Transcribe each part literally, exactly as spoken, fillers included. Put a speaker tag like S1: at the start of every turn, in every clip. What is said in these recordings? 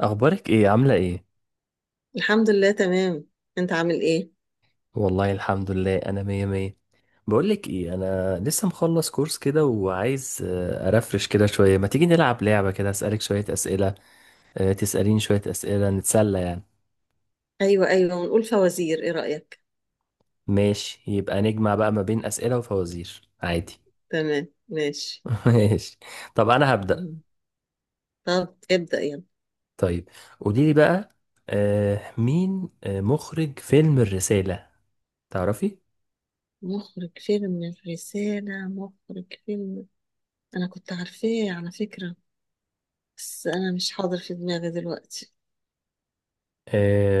S1: اخبارك ايه؟ عامله ايه؟
S2: الحمد لله تمام. انت عامل ايه؟
S1: والله الحمد لله، انا مية مية. بقولك ايه، انا لسه مخلص كورس كده وعايز آه، ارفرش كده شويه. ما تيجي نلعب لعبه كده اسالك شويه اسئله؟ آه، تساليني شويه اسئله نتسلى يعني.
S2: ايوه ايوه، ونقول فوازير، ايه رأيك؟
S1: ماشي، يبقى نجمع بقى ما بين اسئله وفوازير عادي.
S2: تمام ماشي.
S1: ماشي. طب انا هبدا.
S2: مم. طب ابدأ يلا.
S1: طيب قوليلي بقى. آه، مين آه، مخرج فيلم الرساله؟ تعرفي؟
S2: مخرج فيلم الرسالة، مخرج فيلم... انا كنت عارفاه على فكرة، بس انا مش حاضر في دماغي دلوقتي.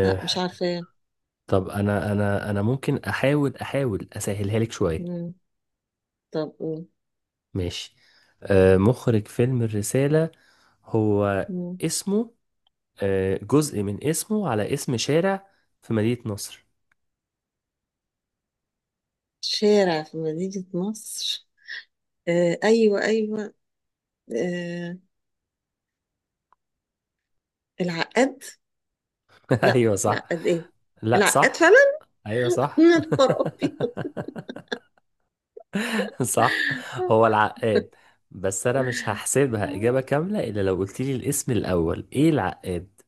S2: لا، مش عارفاه.
S1: طب انا انا انا ممكن احاول احاول اسهلها لك شويه.
S2: مم. طب قول.
S1: ماشي. آه مخرج فيلم الرسالة، هو
S2: مم.
S1: اسمه آه جزء من اسمه على اسم شارع في مدينة نصر.
S2: شارع في مدينة نصر؟ آه ايوه ايوه. آه، العقاد. لا،
S1: ايوه، صح.
S2: العقاد ايه؟
S1: لا،
S2: العقاد فعلا.
S1: صح. ايوه،
S2: من
S1: صح.
S2: ابيض.
S1: صح، هو العقاد. بس انا مش هحسبها اجابة كاملة الا لو قلت لي، الاسم الاول ايه العقاد؟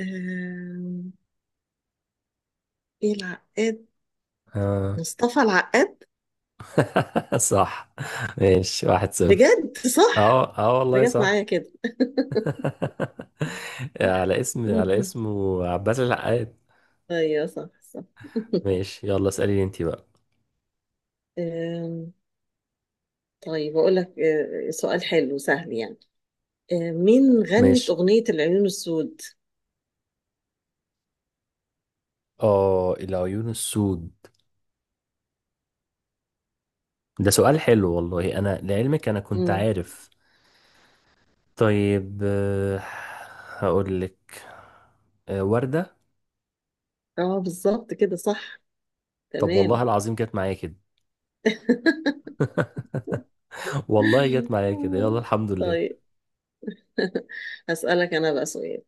S2: آم، ايه العقاد؟
S1: آه.
S2: مصطفى العقاد.
S1: صح. ماشي، واحد صفر.
S2: بجد، صح؟
S1: اه اه والله
S2: بجد
S1: صح.
S2: معايا كده.
S1: على اسم على اسمه عباس العقاد.
S2: ايوه صح صح.
S1: ماشي، يلا اسأليني انت بقى.
S2: آم، طيب اقول لك آه، سؤال حلو سهل يعني. آه، مين غنت
S1: ماشي.
S2: اغنية العيون السود؟
S1: اه، العيون السود. ده سؤال حلو، والله انا لعلمك انا كنت
S2: مم.
S1: عارف. طيب. آه، هقول لك. آه، وردة.
S2: اه، بالظبط كده صح.
S1: طب والله
S2: تمام.
S1: العظيم جت معايا كده. والله جت معايا كده، يلا الحمد لله.
S2: طيب. هسألك انا بقى سؤال.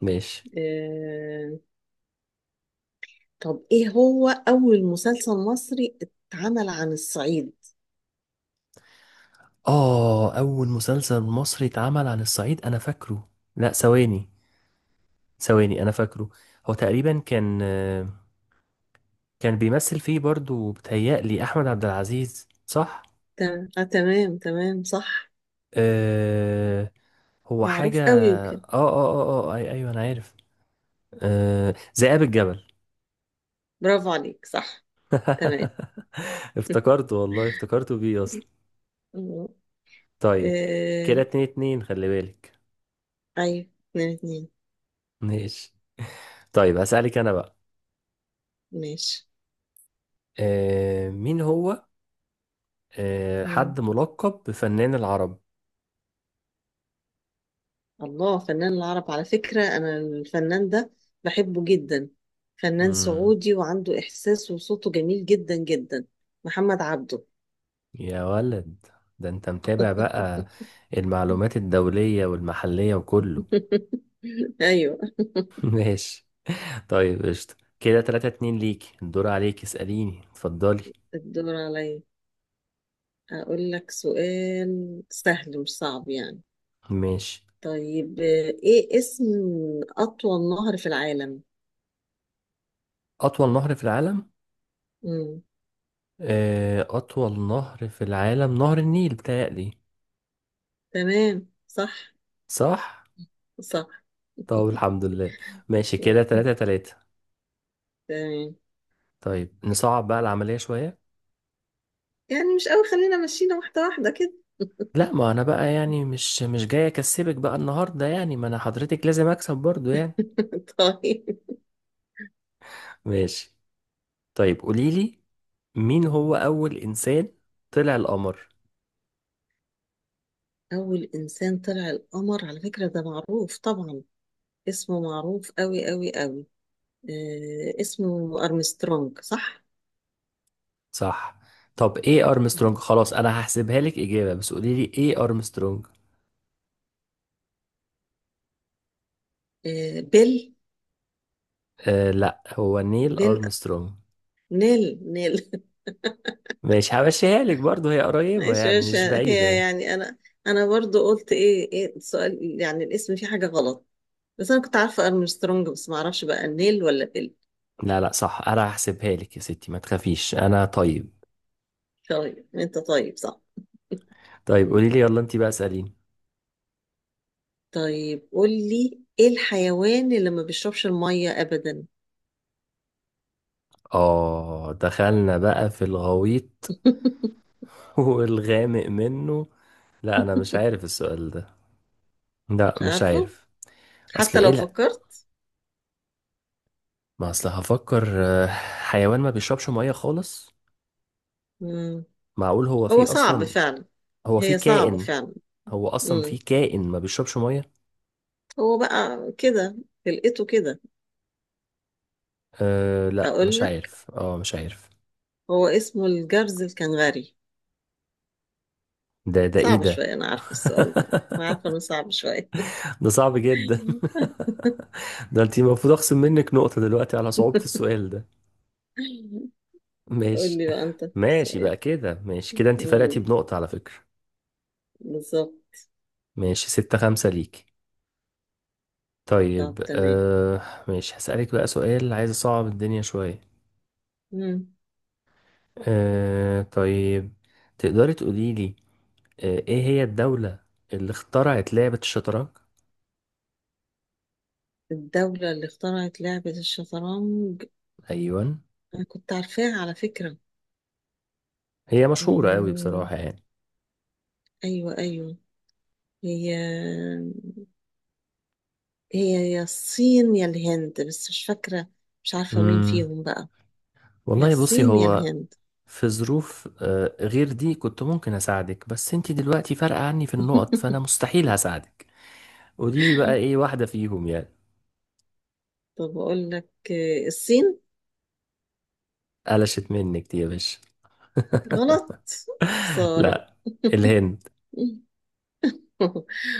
S1: ماشي.
S2: آه، طب ايه هو اول مسلسل مصري اتعمل عن الصعيد؟
S1: اه، اول مسلسل مصري اتعمل عن الصعيد، انا فاكره. لا، ثواني. ثواني، انا فاكره. هو تقريبا كان آه، كان بيمثل فيه برضو بتهيألي احمد عبد العزيز، صح؟
S2: تمام آه، تمام تمام، صح.
S1: آه هو
S2: معروف
S1: حاجة
S2: قوي
S1: اه
S2: يمكن.
S1: اه اه اه آه، أي ايوه انا عارف. آه ذئاب الجبل.
S2: برافو عليك، صح. تمام.
S1: افتكرته، والله افتكرته بيه اصلا.
S2: آه
S1: طيب، كده اتنين اتنين، خلي بالك.
S2: ايوه. اتنين اتنين.
S1: ماشي. طيب، هسألك انا بقى.
S2: ماشي.
S1: آه مين هو آه
S2: مم.
S1: حد ملقب بفنان العرب؟
S2: الله، فنان العرب على فكرة، انا الفنان ده بحبه جدا. فنان
S1: مم.
S2: سعودي وعنده احساس، وصوته جميل جدا جدا. محمد عبده.
S1: يا ولد، ده انت متابع بقى المعلومات الدولية والمحلية وكله.
S2: ايوه.
S1: ماشي، طيب، قشطة. كده تلاتة اتنين ليك. الدور عليك، اسأليني، اتفضلي.
S2: الدور عليا. أقول لك سؤال سهل، مش صعب يعني.
S1: ماشي.
S2: طيب، آه، إيه اسم أطول نهر في العالم؟
S1: أطول نهر في العالم؟
S2: مم.
S1: آه، أطول نهر في العالم نهر النيل، بتهيألي.
S2: تمام صح.
S1: صح؟
S2: صح.
S1: طب الحمد لله. ماشي، كده
S2: مم.
S1: تلاتة تلاتة.
S2: تمام.
S1: طيب نصعب بقى العملية شوية.
S2: يعني مش قوي، خلينا مشينا واحدة واحدة كده.
S1: لا، ما أنا بقى يعني مش مش جاي أكسبك بقى النهاردة، يعني ما أنا حضرتك لازم أكسب برضو يعني.
S2: طيب.
S1: ماشي. طيب قوليلي. مين هو أول إنسان طلع القمر؟
S2: أول إنسان طلع القمر، على فكرة ده معروف طبعا، اسمه معروف قوي قوي قوي. آه، اسمه أرمسترونج، صح؟
S1: صح. طب إيه أرمسترونج؟ خلاص، أنا هحسبها لك إجابة بس قوليلي، إيه أرمسترونج؟
S2: آه، بيل.
S1: آه لا، هو نيل
S2: بيل.
S1: أرمسترونج.
S2: نيل نيل.
S1: ماشي، همشيها لك برضه، هي قريبة
S2: ماشي
S1: يعني،
S2: ماشي،
S1: مش
S2: هي
S1: بعيدة.
S2: يعني انا انا برضو قلت ايه ايه السؤال، يعني الاسم فيه حاجه غلط، بس انا كنت عارفه ارمسترونج، بس ما اعرفش بقى نيل ولا بيل.
S1: لا، لا، صح، انا هحسبها لك يا ستي ما تخافيش، انا طيب.
S2: طيب، انت طيب، صح.
S1: طيب قولي لي، يلا انت بقى اسأليني.
S2: طيب قول لي، ايه الحيوان اللي ما بيشربش الميه ابدا؟
S1: اه، دخلنا بقى في الغويط. والغامق منه. لا، انا مش عارف السؤال ده. لا،
S2: مش
S1: مش
S2: عارفه
S1: عارف. اصل
S2: حتى
S1: ايه؟
S2: لو
S1: لا،
S2: فكرت.
S1: ما اصل هفكر، آه، حيوان ما بيشربش مية خالص؟
S2: مم.
S1: معقول هو
S2: هو
S1: فيه
S2: صعب
S1: اصلا؟
S2: فعلا.
S1: هو فيه
S2: هي صعبه
S1: كائن؟
S2: فعلا.
S1: هو اصلا
S2: مم.
S1: فيه كائن ما بيشربش مية؟
S2: هو بقى كده، لقيته كده.
S1: أه لا،
S2: اقول
S1: مش
S2: لك،
S1: عارف. اه مش عارف.
S2: هو اسمه الجرز الكنغري.
S1: ده ده ايه
S2: صعب
S1: ده؟
S2: شوية، أنا عارفة السؤال ده، أنا عارفة إنه صعب شوية.
S1: ده صعب جدا. ده انت المفروض اخصم منك نقطة دلوقتي على صعوبة السؤال ده.
S2: قول
S1: ماشي.
S2: لي بقى أنت
S1: ماشي
S2: السؤال.
S1: بقى كده، ماشي كده انت فرقتي
S2: مم،
S1: بنقطة على فكرة.
S2: بالظبط.
S1: ماشي، ستة خمسة ليك.
S2: طب
S1: طيب.
S2: تمام.
S1: آه ماشي، هسألك بقى سؤال، عايز اصعب الدنيا شوية.
S2: مم.
S1: آه طيب، تقدري تقولي لي آه ايه هي الدولة اللي اخترعت لعبة الشطرنج؟
S2: الدولة اللي اخترعت لعبة الشطرنج؟
S1: ايوه.
S2: أنا كنت عارفاها على فكرة.
S1: هي مشهورة قوي
S2: مم.
S1: بصراحة يعني.
S2: أيوة أيوة. هي هي يا الصين يا الهند، بس مش فاكرة، مش عارفة مين
S1: امم
S2: فيهم بقى. يا
S1: والله بصي،
S2: الصين يا
S1: هو.
S2: الهند.
S1: في ظروف آه، غير دي كنت ممكن اساعدك، بس انت دلوقتي فارقة عني في النقط، فانا مستحيل هساعدك. قولي لي بقى، ايه واحدة فيهم يعني؟
S2: طب أقول لك آه، الصين.
S1: قلشت منك دي يا باشا.
S2: غلط. خسارة.
S1: لا، الهند.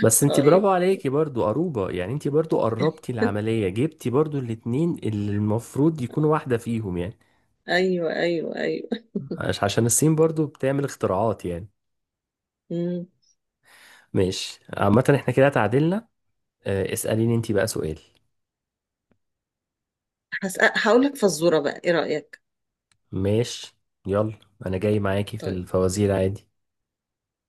S1: بس انت برافو
S2: طيب،
S1: عليكي برضو، قروبة يعني، انت برضو قربتي العملية، جبتي برضو الاتنين اللي المفروض يكونوا واحدة فيهم يعني.
S2: أيوة أيوة أيوة.
S1: عش- عشان الصين برضو بتعمل اختراعات يعني.
S2: مم.
S1: ماشي، عامة احنا كده تعادلنا. اه، اسأليني انت بقى سؤال.
S2: هسأ- هقول لك فزورة بقى، إيه رأيك؟
S1: ماشي. يلا، انا جاي معاكي في
S2: طيب.
S1: الفوازير عادي.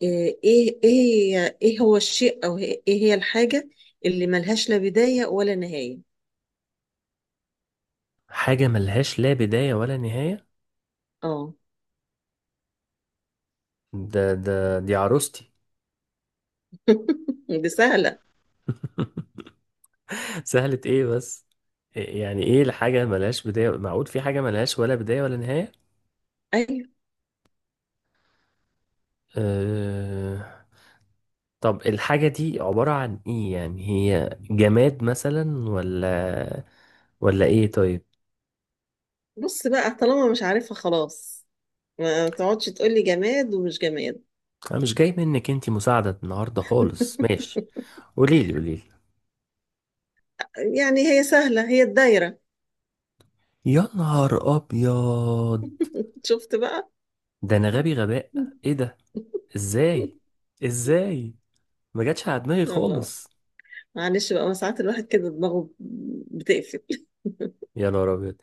S2: إيه إيه إيه إيه هو الشيء، أو إيه إيه هي الحاجة اللي ملهاش لا بداية ولا نهاية؟
S1: حاجة ملهاش لا بداية ولا نهاية؟
S2: آه.
S1: ده ده دي عروستي.
S2: دي سهلة.
S1: سهلة ايه بس؟ إيه- يعني ايه الحاجة ملهاش بداية، معقول في حاجة ملهاش ولا بداية ولا نهاية؟
S2: أيوة.
S1: أه... طب الحاجة دي عبارة عن ايه يعني، هي جماد مثلا ولا ولا ايه؟ طيب.
S2: بص بقى، طالما مش عارفها خلاص ما تقعدش تقولي جماد ومش جماد.
S1: انا مش جاي منك انتي مساعدة النهاردة خالص. ماشي. قوليلي، قوليلي.
S2: يعني هي سهلة، هي الدايرة.
S1: يا نهار ابيض.
S2: شفت بقى؟
S1: ده انا غبي غباء. ايه ده؟ ازاي؟ ازاي؟ ما جاتش على دماغي
S2: يلا،
S1: خالص.
S2: معلش بقى، ما ساعات الواحد كده دماغه بتقفل.
S1: يا نهار ابيض.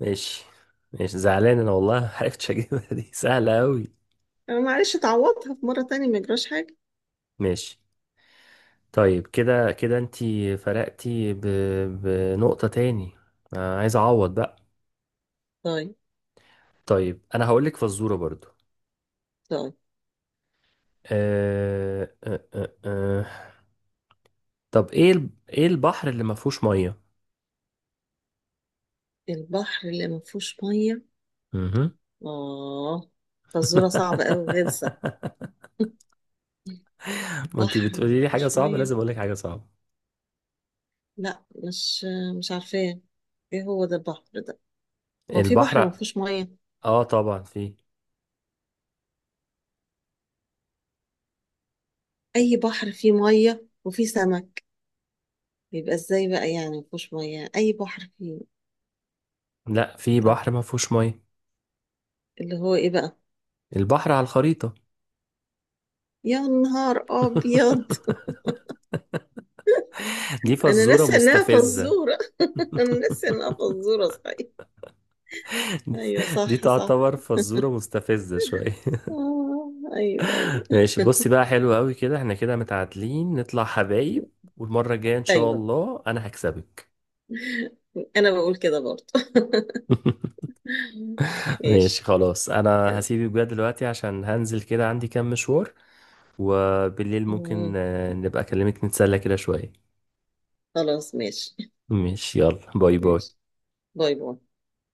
S1: ماشي. ماشي، زعلان انا والله. ما عرفتش اجيبها دي. سهله قوي.
S2: أنا معلش، تعوضها في مرة تانية، ما يجراش حاجة.
S1: ماشي، طيب كده كده انتي فرقتي ب... بنقطه تاني. آه عايز اعوض بقى.
S2: طيب.
S1: طيب، انا هقول لك فزوره برضو.
S2: طيب،
S1: آه... آه... آه... آه. طب ايه ال... ايه البحر اللي ما فيهوش ميه؟
S2: البحر اللي ما فيهوش مية؟
S1: مهم.
S2: آه. فزورة صعبة أوي غلسة.
S1: ما انتي
S2: بحر ما
S1: بتقولي لي حاجه
S2: فيهوش
S1: صعبه،
S2: مية؟
S1: لازم اقول لك حاجه صعبه.
S2: لا، مش مش عارفاه. ايه هو ده البحر ده؟ هو في بحر ما
S1: البحر.
S2: فيهوش مية؟
S1: اه، طبعا فيه.
S2: أي بحر فيه مية وفيه سمك، يبقى ازاي بقى يعني ما فيهوش مية، أي بحر فيه.
S1: لا، في
S2: طب
S1: بحر ما فيهوش ميه.
S2: اللي هو ايه بقى؟
S1: البحر على الخريطة.
S2: يا نهار أبيض.
S1: دي
S2: انا
S1: فزورة
S2: ناسيه انها
S1: مستفزة.
S2: فزوره. انا ناسيه انها فزوره صحيح. ايوه
S1: دي
S2: صح صح.
S1: تعتبر فزورة مستفزة شوية.
S2: آه ايوه ايوه
S1: ماشي، بصي بقى، حلو قوي كده، احنا كده متعادلين، نطلع حبايب، والمرة الجاية ان شاء
S2: ايوه.
S1: الله انا هكسبك.
S2: انا بقول كده برضه.
S1: ماشي،
S2: ماشي.
S1: خلاص انا هسيبك بقى دلوقتي عشان هنزل كده، عندي كام مشوار. وبالليل ممكن
S2: مم.
S1: آه، نبقى اكلمك نتسلى كده شوية.
S2: خلاص ماشي.
S1: ماشي، يلا. باي
S2: ماشي،
S1: باي.
S2: باي باي.